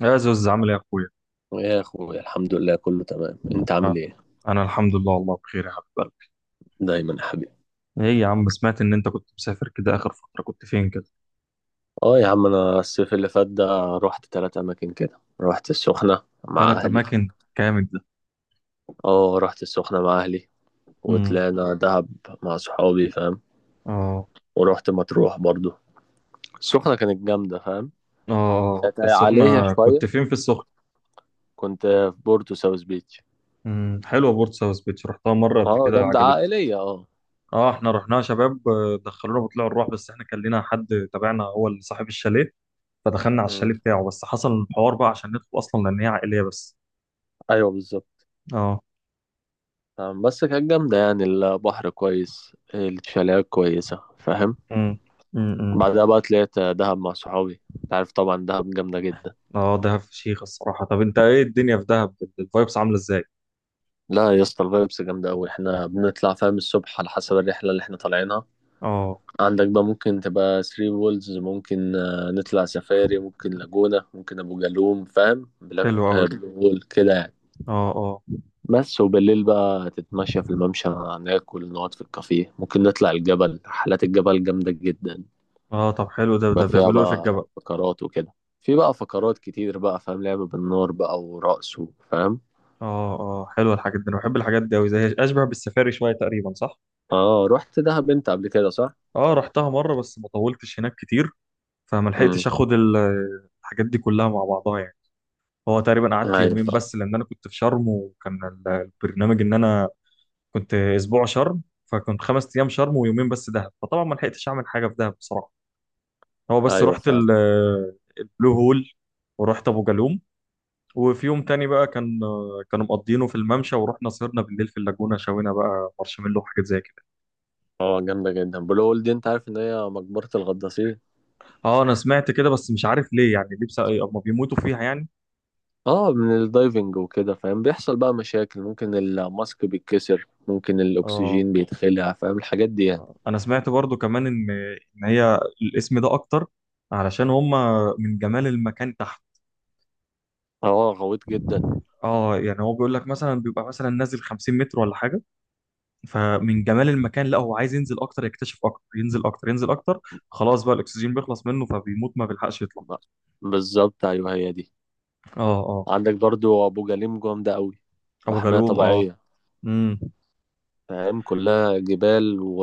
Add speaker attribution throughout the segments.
Speaker 1: يا زوز، عامل ايه يا اخويا؟
Speaker 2: يا اخويا الحمد لله كله تمام، انت عامل
Speaker 1: آه.
Speaker 2: ايه؟
Speaker 1: انا الحمد لله، والله بخير يا حبيب قلبي.
Speaker 2: دايما يا حبيبي.
Speaker 1: ايه يا عم، سمعت ان انت كنت مسافر كده، اخر فترة كنت فين كده؟
Speaker 2: اه يا عم، انا الصيف اللي فات ده رحت 3 اماكن كده. رحت السخنة مع
Speaker 1: ثلاث
Speaker 2: اهلي.
Speaker 1: اماكن، جامد ده.
Speaker 2: اه رحت السخنة مع اهلي،
Speaker 1: امم.
Speaker 2: وطلعنا دهب مع صحابي فاهم،
Speaker 1: اه.
Speaker 2: ورحت مطروح برضو. السخنة كانت جامدة فاهم.
Speaker 1: اه.
Speaker 2: كانت عليها
Speaker 1: السخنة،
Speaker 2: شوية.
Speaker 1: كنت فين في السخنة؟
Speaker 2: كنت في بورتو ساوث بيتش.
Speaker 1: امم، حلوة بورت ساوث بيتش، رحتها مرة قبل
Speaker 2: اه
Speaker 1: كده،
Speaker 2: جامدة
Speaker 1: عجبتني.
Speaker 2: عائلية، اه.
Speaker 1: اه احنا رحناها شباب، دخلونا بطلوع الروح، بس احنا كان لنا حد تابعنا، هو اللي صاحب الشاليه، فدخلنا على
Speaker 2: مم.
Speaker 1: الشاليه بتاعه، بس حصل الحوار بقى عشان ندخل اصلا، لان هي عائلية بس.
Speaker 2: ايوه بالظبط.
Speaker 1: اه.
Speaker 2: آه، بس كانت جامدة يعني، البحر كويس الشاليهات كويسة فاهم.
Speaker 1: امم. امم.
Speaker 2: بعدها بقى طلعت دهب مع صحابي. انت عارف طبعا دهب جامدة جدا.
Speaker 1: اه. دهب فشيخ الصراحة. طب انت ايه الدنيا في دهب، الفايبس عاملة ازاي؟
Speaker 2: لا يا اسطى، الفايبس جامدة أوي. احنا بنطلع فاهم الصبح على حسب الرحلة اللي احنا طالعينها.
Speaker 1: اه.
Speaker 2: عندك بقى ممكن تبقى ثري وولز، ممكن آه، نطلع سفاري، ممكن لاجونا، ممكن أبو جالوم فاهم، بلاك
Speaker 1: حلو
Speaker 2: آه،
Speaker 1: قوي.
Speaker 2: بلو هول كده يعني.
Speaker 1: اه. اه.
Speaker 2: بس وبالليل بقى تتمشى في الممشى، ناكل نقعد في الكافيه، ممكن نطلع الجبل. رحلات الجبل جامدة جدا.
Speaker 1: اه طب حلو، ده
Speaker 2: بقى
Speaker 1: ده
Speaker 2: فيها
Speaker 1: بيعملوا ايه في
Speaker 2: بقى
Speaker 1: الجبل؟
Speaker 2: فقرات وكده. في بقى فقرات كتير بقى فاهم، لعب بالنار بقى ورقص فاهم.
Speaker 1: اه. اه. حلوة الحاجات دي، انا بحب الحاجات دي قوي، زي اشبه بالسفاري شوية تقريبا، صح؟
Speaker 2: اه رحت دهب انت قبل كده صح؟
Speaker 1: اه رحتها مرة بس ما طولتش هناك كتير، فما
Speaker 2: امم.
Speaker 1: لحقتش اخد الحاجات دي كلها مع بعضها يعني. هو تقريبا قعدت
Speaker 2: ايوه
Speaker 1: يومين
Speaker 2: فعلا.
Speaker 1: بس، لان انا كنت في شرم وكان البرنامج ان انا كنت اسبوع شرم، فكنت خمس ايام شرم ويومين بس دهب، فطبعا ما لحقتش اعمل حاجة في دهب بصراحة. هو بس
Speaker 2: ايوه
Speaker 1: رحت
Speaker 2: فعلا.
Speaker 1: البلو هول، ورحت ابو جالوم، وفي يوم تاني بقى كانوا مقضينه في الممشى، ورحنا سهرنا بالليل في اللاجونة، شوينا بقى مارشميلو وحاجات زي كده.
Speaker 2: اه جامده جدا بلو هول دي. انت عارف ان هي مقبره الغطاسين.
Speaker 1: اه انا سمعت كده، بس مش عارف ليه يعني، ليه بس اما بيموتوا فيها يعني؟
Speaker 2: اه من الدايفنج وكده فاهم، بيحصل بقى مشاكل، ممكن الماسك بيتكسر، ممكن
Speaker 1: اه
Speaker 2: الاكسجين بيتخلع فاهم الحاجات دي يعني.
Speaker 1: انا سمعت برضو كمان ان هي الاسم ده اكتر علشان هم من جمال المكان تحت.
Speaker 2: اه غويط جدا.
Speaker 1: اه يعني هو بيقول لك مثلا بيبقى مثلا نازل 50 متر ولا حاجة، فمن جمال المكان لا هو عايز ينزل اكتر، يكتشف اكتر، ينزل اكتر ينزل اكتر، خلاص بقى الاكسجين بيخلص منه فبيموت، ما بيلحقش يطلع.
Speaker 2: ب- بالظبط، ايوه هي دي.
Speaker 1: اه. اه.
Speaker 2: عندك برضو ابو جليم جامده قوي،
Speaker 1: ابو
Speaker 2: محميه
Speaker 1: جالوم، اه.
Speaker 2: طبيعيه.
Speaker 1: امم.
Speaker 2: فاهم كلها جبال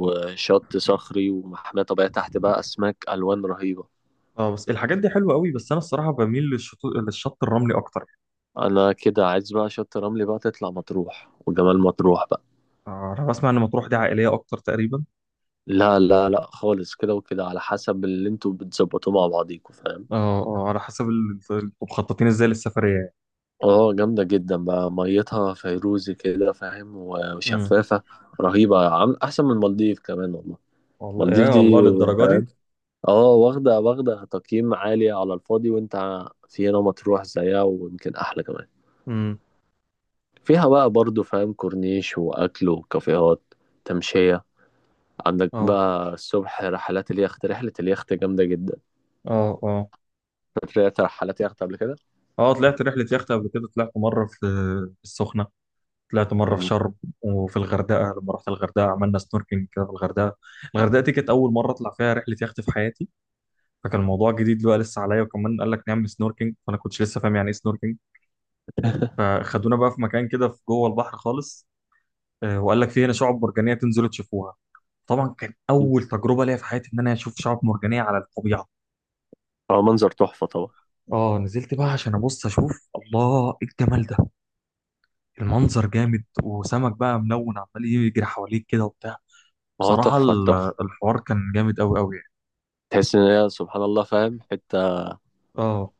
Speaker 2: وشط صخري ومحميه طبيعيه، تحت بقى اسماك الوان رهيبه.
Speaker 1: اه بس الحاجات دي حلوه قوي، بس انا الصراحه بميل للشط الرملي اكتر.
Speaker 2: انا كده عايز بقى شط رملي، بقى تطلع مطروح وجمال مطروح بقى.
Speaker 1: آه انا بسمع ان مطروح دي عائليه اكتر تقريبا.
Speaker 2: لا لا لا خالص، كده وكده على حسب اللي انتوا بتظبطوه مع بعضيكوا فاهم.
Speaker 1: اه. اه على حسب انتوا مخططين ازاي للسفريه يعني.
Speaker 2: اه جامدة جدا بقى، ميتها فيروزي كده فاهم
Speaker 1: امم.
Speaker 2: وشفافة رهيبة عم، احسن من المالديف كمان والله.
Speaker 1: والله يا
Speaker 2: المالديف دي
Speaker 1: والله للدرجه
Speaker 2: فاهم،
Speaker 1: دي؟
Speaker 2: اه واخدة تقييم عالي على الفاضي، وانت في هنا مطروح زيها ويمكن احلى كمان.
Speaker 1: امم.
Speaker 2: فيها بقى برضو فاهم كورنيش واكل وكافيهات، تمشية. عندك
Speaker 1: اه.
Speaker 2: بقى الصبح رحلات اليخت. رحلة اليخت جامدة جدا.
Speaker 1: اه. اه.
Speaker 2: طلعت رحلات يخت قبل كده.
Speaker 1: اه طلعت رحله يخت قبل كده، طلعت مره في السخنه، طلعت مرة في
Speaker 2: مم.
Speaker 1: شرم، وفي الغردقة لما رحت الغردقة عملنا سنوركينج كده في الغردقة. الغردقة دي كانت أول مرة أطلع فيها رحلة يخت في حياتي، فكان الموضوع جديد بقى لسه عليا، وكمان قال لك نعمل سنوركينج، فأنا كنتش لسه فاهم يعني إيه سنوركينج، فخدونا بقى في مكان كده في جوه البحر خالص، وقال لك في هنا شعاب مرجانية تنزلوا تشوفوها. طبعا كان أول تجربة ليا في حياتي إن أنا أشوف شعاب مرجانية على الطبيعة.
Speaker 2: هو منظر تحفة طبعا.
Speaker 1: اه نزلت بقى عشان ابص اشوف، الله ايه الجمال ده، المنظر جامد، وسمك بقى ملون عمال يجري حواليك كده وبتاع.
Speaker 2: هو
Speaker 1: بصراحة
Speaker 2: تحفة تحفة.
Speaker 1: الحوار كان جامد أوي أوي يعني.
Speaker 2: تحس ان هي سبحان الله فاهم، حتة
Speaker 1: اه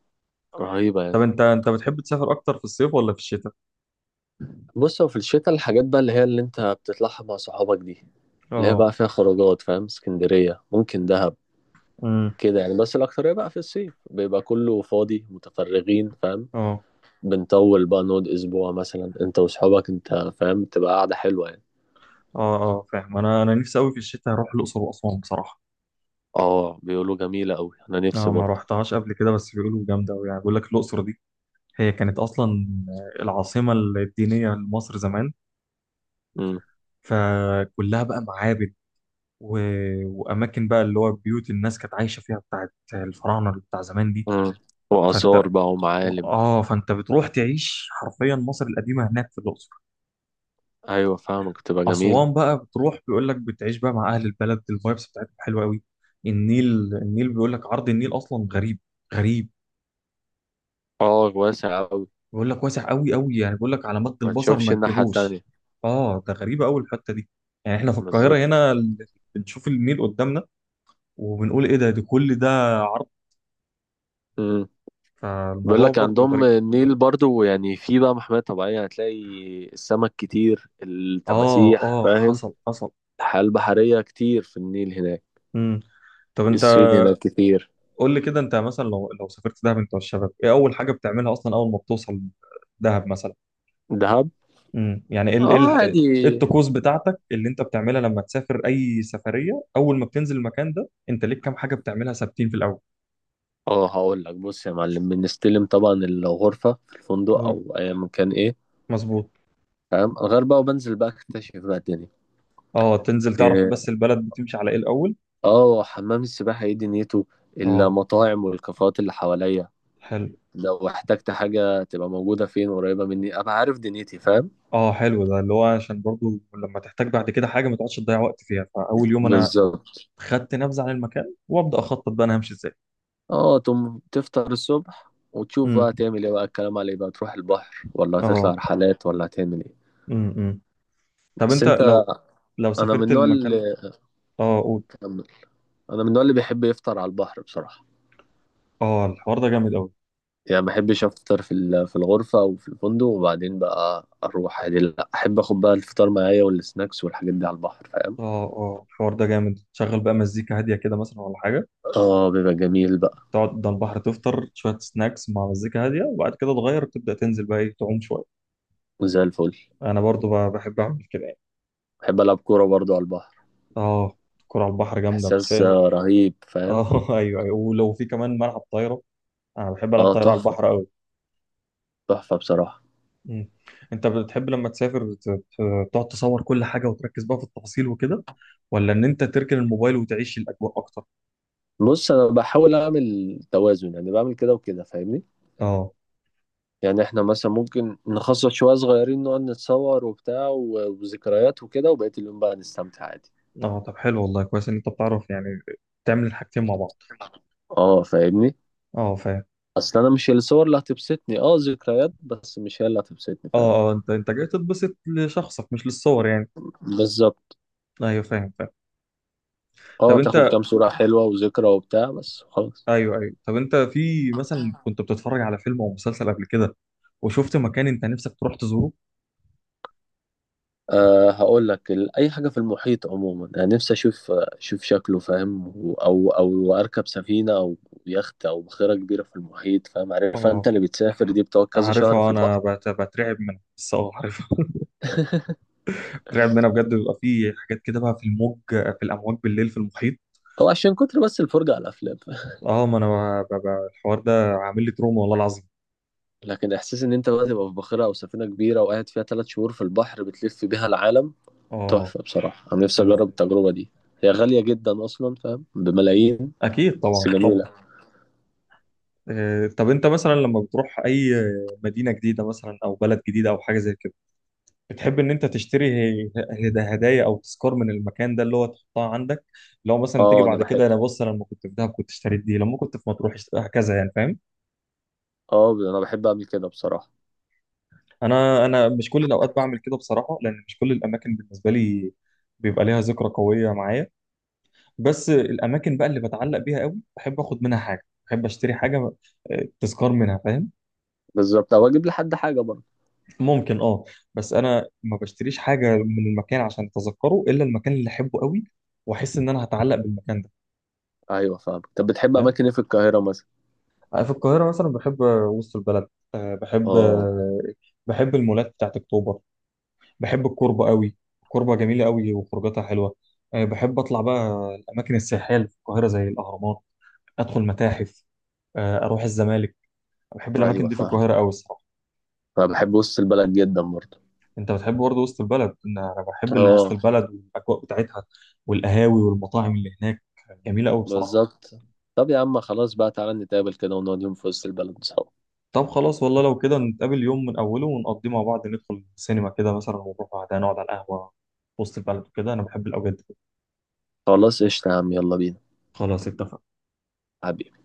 Speaker 2: رهيبة يعني.
Speaker 1: طب أنت بتحب تسافر أكتر في الصيف ولا في الشتاء؟
Speaker 2: بص هو في الشتاء الحاجات بقى اللي هي اللي انت بتطلعها مع صحابك دي، اللي هي
Speaker 1: اه.
Speaker 2: بقى فيها خروجات فاهم، اسكندرية، ممكن دهب،
Speaker 1: امم.
Speaker 2: كده يعني. بس الأكترية بقى في الصيف، بيبقى كله فاضي متفرغين فاهم.
Speaker 1: اه.
Speaker 2: بنطول بقى نقعد أسبوع مثلا انت وصحابك انت، فاهم تبقى قاعدة حلوة يعني.
Speaker 1: أه. أه فاهم، أنا نفسي أوي في الشتاء أروح الأقصر وأسوان بصراحة.
Speaker 2: اه بيقولوا جميلة أوي، أنا نفسي
Speaker 1: أه ما
Speaker 2: برضه.
Speaker 1: رحتهاش قبل كده، بس بيقولوا جامدة أوي يعني، بيقول لك الأقصر دي هي كانت أصلا العاصمة الدينية لمصر زمان،
Speaker 2: مم.
Speaker 1: فكلها بقى معابد و... وأماكن بقى اللي هو بيوت الناس كانت عايشة فيها بتاعت الفراعنة اللي بتاع زمان دي.
Speaker 2: مم. وآثار
Speaker 1: فأنت
Speaker 2: بقى ومعالم.
Speaker 1: فأنت بتروح تعيش حرفيا مصر القديمة هناك في الأقصر.
Speaker 2: أيوة فاهمك، تبقى جميل.
Speaker 1: أسوان بقى بتروح بيقول لك بتعيش بقى مع أهل البلد، الفايبس بتاعتهم حلوة قوي. النيل النيل بيقول لك عرض النيل أصلا غريب غريب.
Speaker 2: آه واسع أوي.
Speaker 1: بيقول لك واسع قوي قوي يعني، بيقول لك على مد
Speaker 2: ما
Speaker 1: البصر
Speaker 2: تشوفش
Speaker 1: ما
Speaker 2: الناحية
Speaker 1: تجيبوش.
Speaker 2: التانية.
Speaker 1: آه ده غريبة قوي الحتة دي. يعني إحنا في القاهرة هنا
Speaker 2: بالظبط.
Speaker 1: بنشوف النيل قدامنا، وبنقول إيه ده، ده كل ده عرض.
Speaker 2: مم. بيقول
Speaker 1: فالموضوع
Speaker 2: لك
Speaker 1: برضه
Speaker 2: عندهم
Speaker 1: غريب.
Speaker 2: النيل برضو يعني، في بقى محمية طبيعية هتلاقي السمك كتير،
Speaker 1: آه.
Speaker 2: التماسيح
Speaker 1: آه.
Speaker 2: فاهم.
Speaker 1: حصل حصل.
Speaker 2: الحياة البحرية كتير في النيل هناك.
Speaker 1: امم. طب أنت
Speaker 2: السويد هناك كتير.
Speaker 1: قول لي كده، أنت مثلا لو سافرت دهب أنت والشباب، إيه أول حاجة بتعملها أصلا أول ما بتوصل دهب مثلا؟
Speaker 2: دهب.
Speaker 1: يعني
Speaker 2: اه
Speaker 1: إيه
Speaker 2: عادي.
Speaker 1: الطقوس بتاعتك اللي انت بتعملها لما تسافر اي سفريه، اول ما بتنزل المكان ده انت ليك كام حاجه بتعملها ثابتين في الاول؟
Speaker 2: اه هقول لك، بص يا معلم، بنستلم طبعا الغرفة في الفندق
Speaker 1: اه.
Speaker 2: أو أي مكان إيه،
Speaker 1: مظبوط.
Speaker 2: فاهم، غير بقى وبنزل بقى أكتشف بقى الدنيا.
Speaker 1: اه تنزل تعرف
Speaker 2: آه،
Speaker 1: بس البلد بتمشي على ايه الاول.
Speaker 2: اه حمام السباحة ايه دنيته،
Speaker 1: اه
Speaker 2: المطاعم والكافيهات اللي حواليا.
Speaker 1: حلو.
Speaker 2: لو احتجت حاجة تبقى موجودة فين قريبة مني، ابقى عارف دنيتي فاهم.
Speaker 1: اه حلو ده اللي هو عشان برضو لما تحتاج بعد كده حاجه ما تقعدش تضيع وقت فيها، فاول يوم انا
Speaker 2: بالظبط.
Speaker 1: خدت نبذه عن المكان وابدا اخطط بقى انا همشي ازاي.
Speaker 2: اه تم، تفطر الصبح وتشوف
Speaker 1: امم.
Speaker 2: بقى تعمل ايه بقى، الكلام عليه بقى تروح البحر ولا هتطلع
Speaker 1: اه.
Speaker 2: رحلات ولا هتعمل ايه.
Speaker 1: امم. طب
Speaker 2: بس
Speaker 1: انت
Speaker 2: انت،
Speaker 1: لو
Speaker 2: انا من
Speaker 1: سافرت
Speaker 2: النوع
Speaker 1: المكان.
Speaker 2: اللي
Speaker 1: اه قول.
Speaker 2: كمل. انا من النوع اللي بيحب يفطر على البحر بصراحة.
Speaker 1: اه الحوار ده جامد قوي.
Speaker 2: يعني ما بحبش افطر في الغرفة او في الفندق وبعدين بقى اروح عادي، لا احب اخد بقى الفطار معايا والسناكس والحاجات دي على البحر فاهم.
Speaker 1: اه. اه الحوار ده جامد، تشغل بقى مزيكا هاديه كده مثلا ولا حاجه؟
Speaker 2: اه بيبقى جميل بقى.
Speaker 1: تقعد قدام البحر، تفطر شويه سناكس مع مزيكا هاديه، وبعد كده تغير تبدا تنزل بقى ايه تعوم شويه.
Speaker 2: وزي الفل.
Speaker 1: انا برضو بحب اعمل كده يعني.
Speaker 2: بحب ألعب كورة برضو على البحر.
Speaker 1: اه الكوره على البحر جامده بس
Speaker 2: إحساس
Speaker 1: هي.
Speaker 2: آه، رهيب فاهم.
Speaker 1: اه. ايوه ايوه، ولو في كمان ملعب طايره، انا بحب العب
Speaker 2: اه
Speaker 1: طايره على
Speaker 2: تحفة.
Speaker 1: البحر قوي.
Speaker 2: تحفة بصراحة.
Speaker 1: مم. انت بتحب لما تسافر تقعد تصور كل حاجه وتركز بقى في التفاصيل وكده، ولا ان انت تركن الموبايل وتعيش الاجواء اكتر؟
Speaker 2: بص أنا بحاول أعمل توازن، يعني بعمل كده وكده فاهمني.
Speaker 1: اه.
Speaker 2: يعني إحنا مثلا ممكن نخصص شوية صغيرين نقعد نتصور وبتاع وذكريات وكده، وبقية اليوم بقى نستمتع عادي.
Speaker 1: اه طب حلو والله، كويس ان انت بتعرف يعني تعمل الحاجتين مع بعض.
Speaker 2: اه فاهمني.
Speaker 1: اه فاهم.
Speaker 2: أصل أنا مش الصور اللي هتبسطني، اه ذكريات، بس مش هي اللي هتبسطني فاهم.
Speaker 1: اه. اه انت جاي تتبسط لشخصك مش للصور يعني.
Speaker 2: بالظبط.
Speaker 1: ايوه فاهم فاهم. طب
Speaker 2: اه تاخد
Speaker 1: انت
Speaker 2: كام صورة حلوة وذكرى وبتاع بس.
Speaker 1: ايوه ايوه، طب انت في مثلا
Speaker 2: خلاص.
Speaker 1: كنت بتتفرج على فيلم او مسلسل قبل كده وشفت مكان انت نفسك تروح تزوره؟
Speaker 2: أه هقول لك، اي حاجه في المحيط عموما انا نفسي اشوف شكله فاهم، او اركب سفينه او يخت او بخيره كبيره في المحيط فاهم. عارف انت
Speaker 1: اه
Speaker 2: اللي بتسافر دي بتقعد كذا شهر في
Speaker 1: عارفها، انا
Speaker 2: البحر.
Speaker 1: بترعب منها، بس اه عارفها. بترعب منها بجد، بيبقى في حاجات كده بقى في الامواج بالليل في المحيط.
Speaker 2: هو عشان كتر بس الفرجه على الافلام.
Speaker 1: اه ما انا الحوار ده عامل لي تروما والله العظيم.
Speaker 2: لكن احساس ان انت بقى تبقى في بخيره او سفينه كبيره وقاعد فيها 3 شهور في البحر بتلف بيها العالم،
Speaker 1: اه.
Speaker 2: تحفه بصراحه. انا نفسي
Speaker 1: ايوه
Speaker 2: اجرب
Speaker 1: ايوه،
Speaker 2: التجربه دي. هي غاليه جدا اصلا فاهم، بملايين،
Speaker 1: اكيد
Speaker 2: بس
Speaker 1: طبعا طبعا.
Speaker 2: جميله.
Speaker 1: طب انت مثلا لما بتروح اي مدينة جديدة مثلا او بلد جديدة او حاجة زي كده، بتحب ان انت تشتري هدايا او تذكار من المكان ده اللي هو تحطها عندك، لو مثلا تيجي
Speaker 2: اه انا
Speaker 1: بعد
Speaker 2: بحب
Speaker 1: كده انا بص، انا لما كنت في دهب كنت اشتريت دي، لما كنت في مطروح هكذا يعني، فاهم؟
Speaker 2: اه انا بحب اعمل كده بصراحه.
Speaker 1: انا مش كل الاوقات بعمل كده بصراحه، لان مش كل الاماكن بالنسبه لي بيبقى ليها ذكرى قويه معايا، بس الاماكن بقى اللي بتعلق بيها قوي بحب اخد منها حاجه، بحب اشتري حاجه، تذكار منها فاهم.
Speaker 2: بالظبط، او اجيب لحد حاجه.
Speaker 1: ممكن اه، بس انا ما بشتريش حاجه من المكان عشان اتذكره الا المكان اللي احبه قوي واحس ان انا هتعلق بالمكان ده.
Speaker 2: ايوه فاهم. طب بتحب
Speaker 1: فاهم.
Speaker 2: اماكن ايه في القاهره مثلا؟
Speaker 1: في القاهرة مثلا بحب وسط البلد. بحب.
Speaker 2: اه.
Speaker 1: بحب المولات بتاعت أكتوبر، بحب الكوربة قوي، الكوربة جميلة قوي وخروجاتها حلوة. بحب أطلع بقى الأماكن السياحية اللي في القاهرة زي الأهرامات، أدخل متاحف، أروح الزمالك. بحب الأماكن
Speaker 2: ايوه
Speaker 1: دي في
Speaker 2: فاهم،
Speaker 1: القاهرة قوي الصراحة.
Speaker 2: فبحب وسط البلد جدا برضه.
Speaker 1: أنت بتحب برضه وسط البلد، أنا بحب وسط
Speaker 2: اه.
Speaker 1: البلد والأجواء بتاعتها، والقهاوي والمطاعم اللي هناك جميلة قوي بصراحة.
Speaker 2: بالظبط. طب يا عم، خلاص بقى، تعالى نتقابل كده ونقعد يوم في وسط البلد سوا.
Speaker 1: طب خلاص والله لو كده نتقابل يوم من أوله ونقضيه مع بعض، ندخل السينما كده مثلا ونروح بعدها نقعد على القهوة في وسط البلد وكده، أنا بحب الأوقات دي.
Speaker 2: خلاص قشطة يا عم، يلا بينا.
Speaker 1: خلاص اتفقنا.
Speaker 2: حبيبي.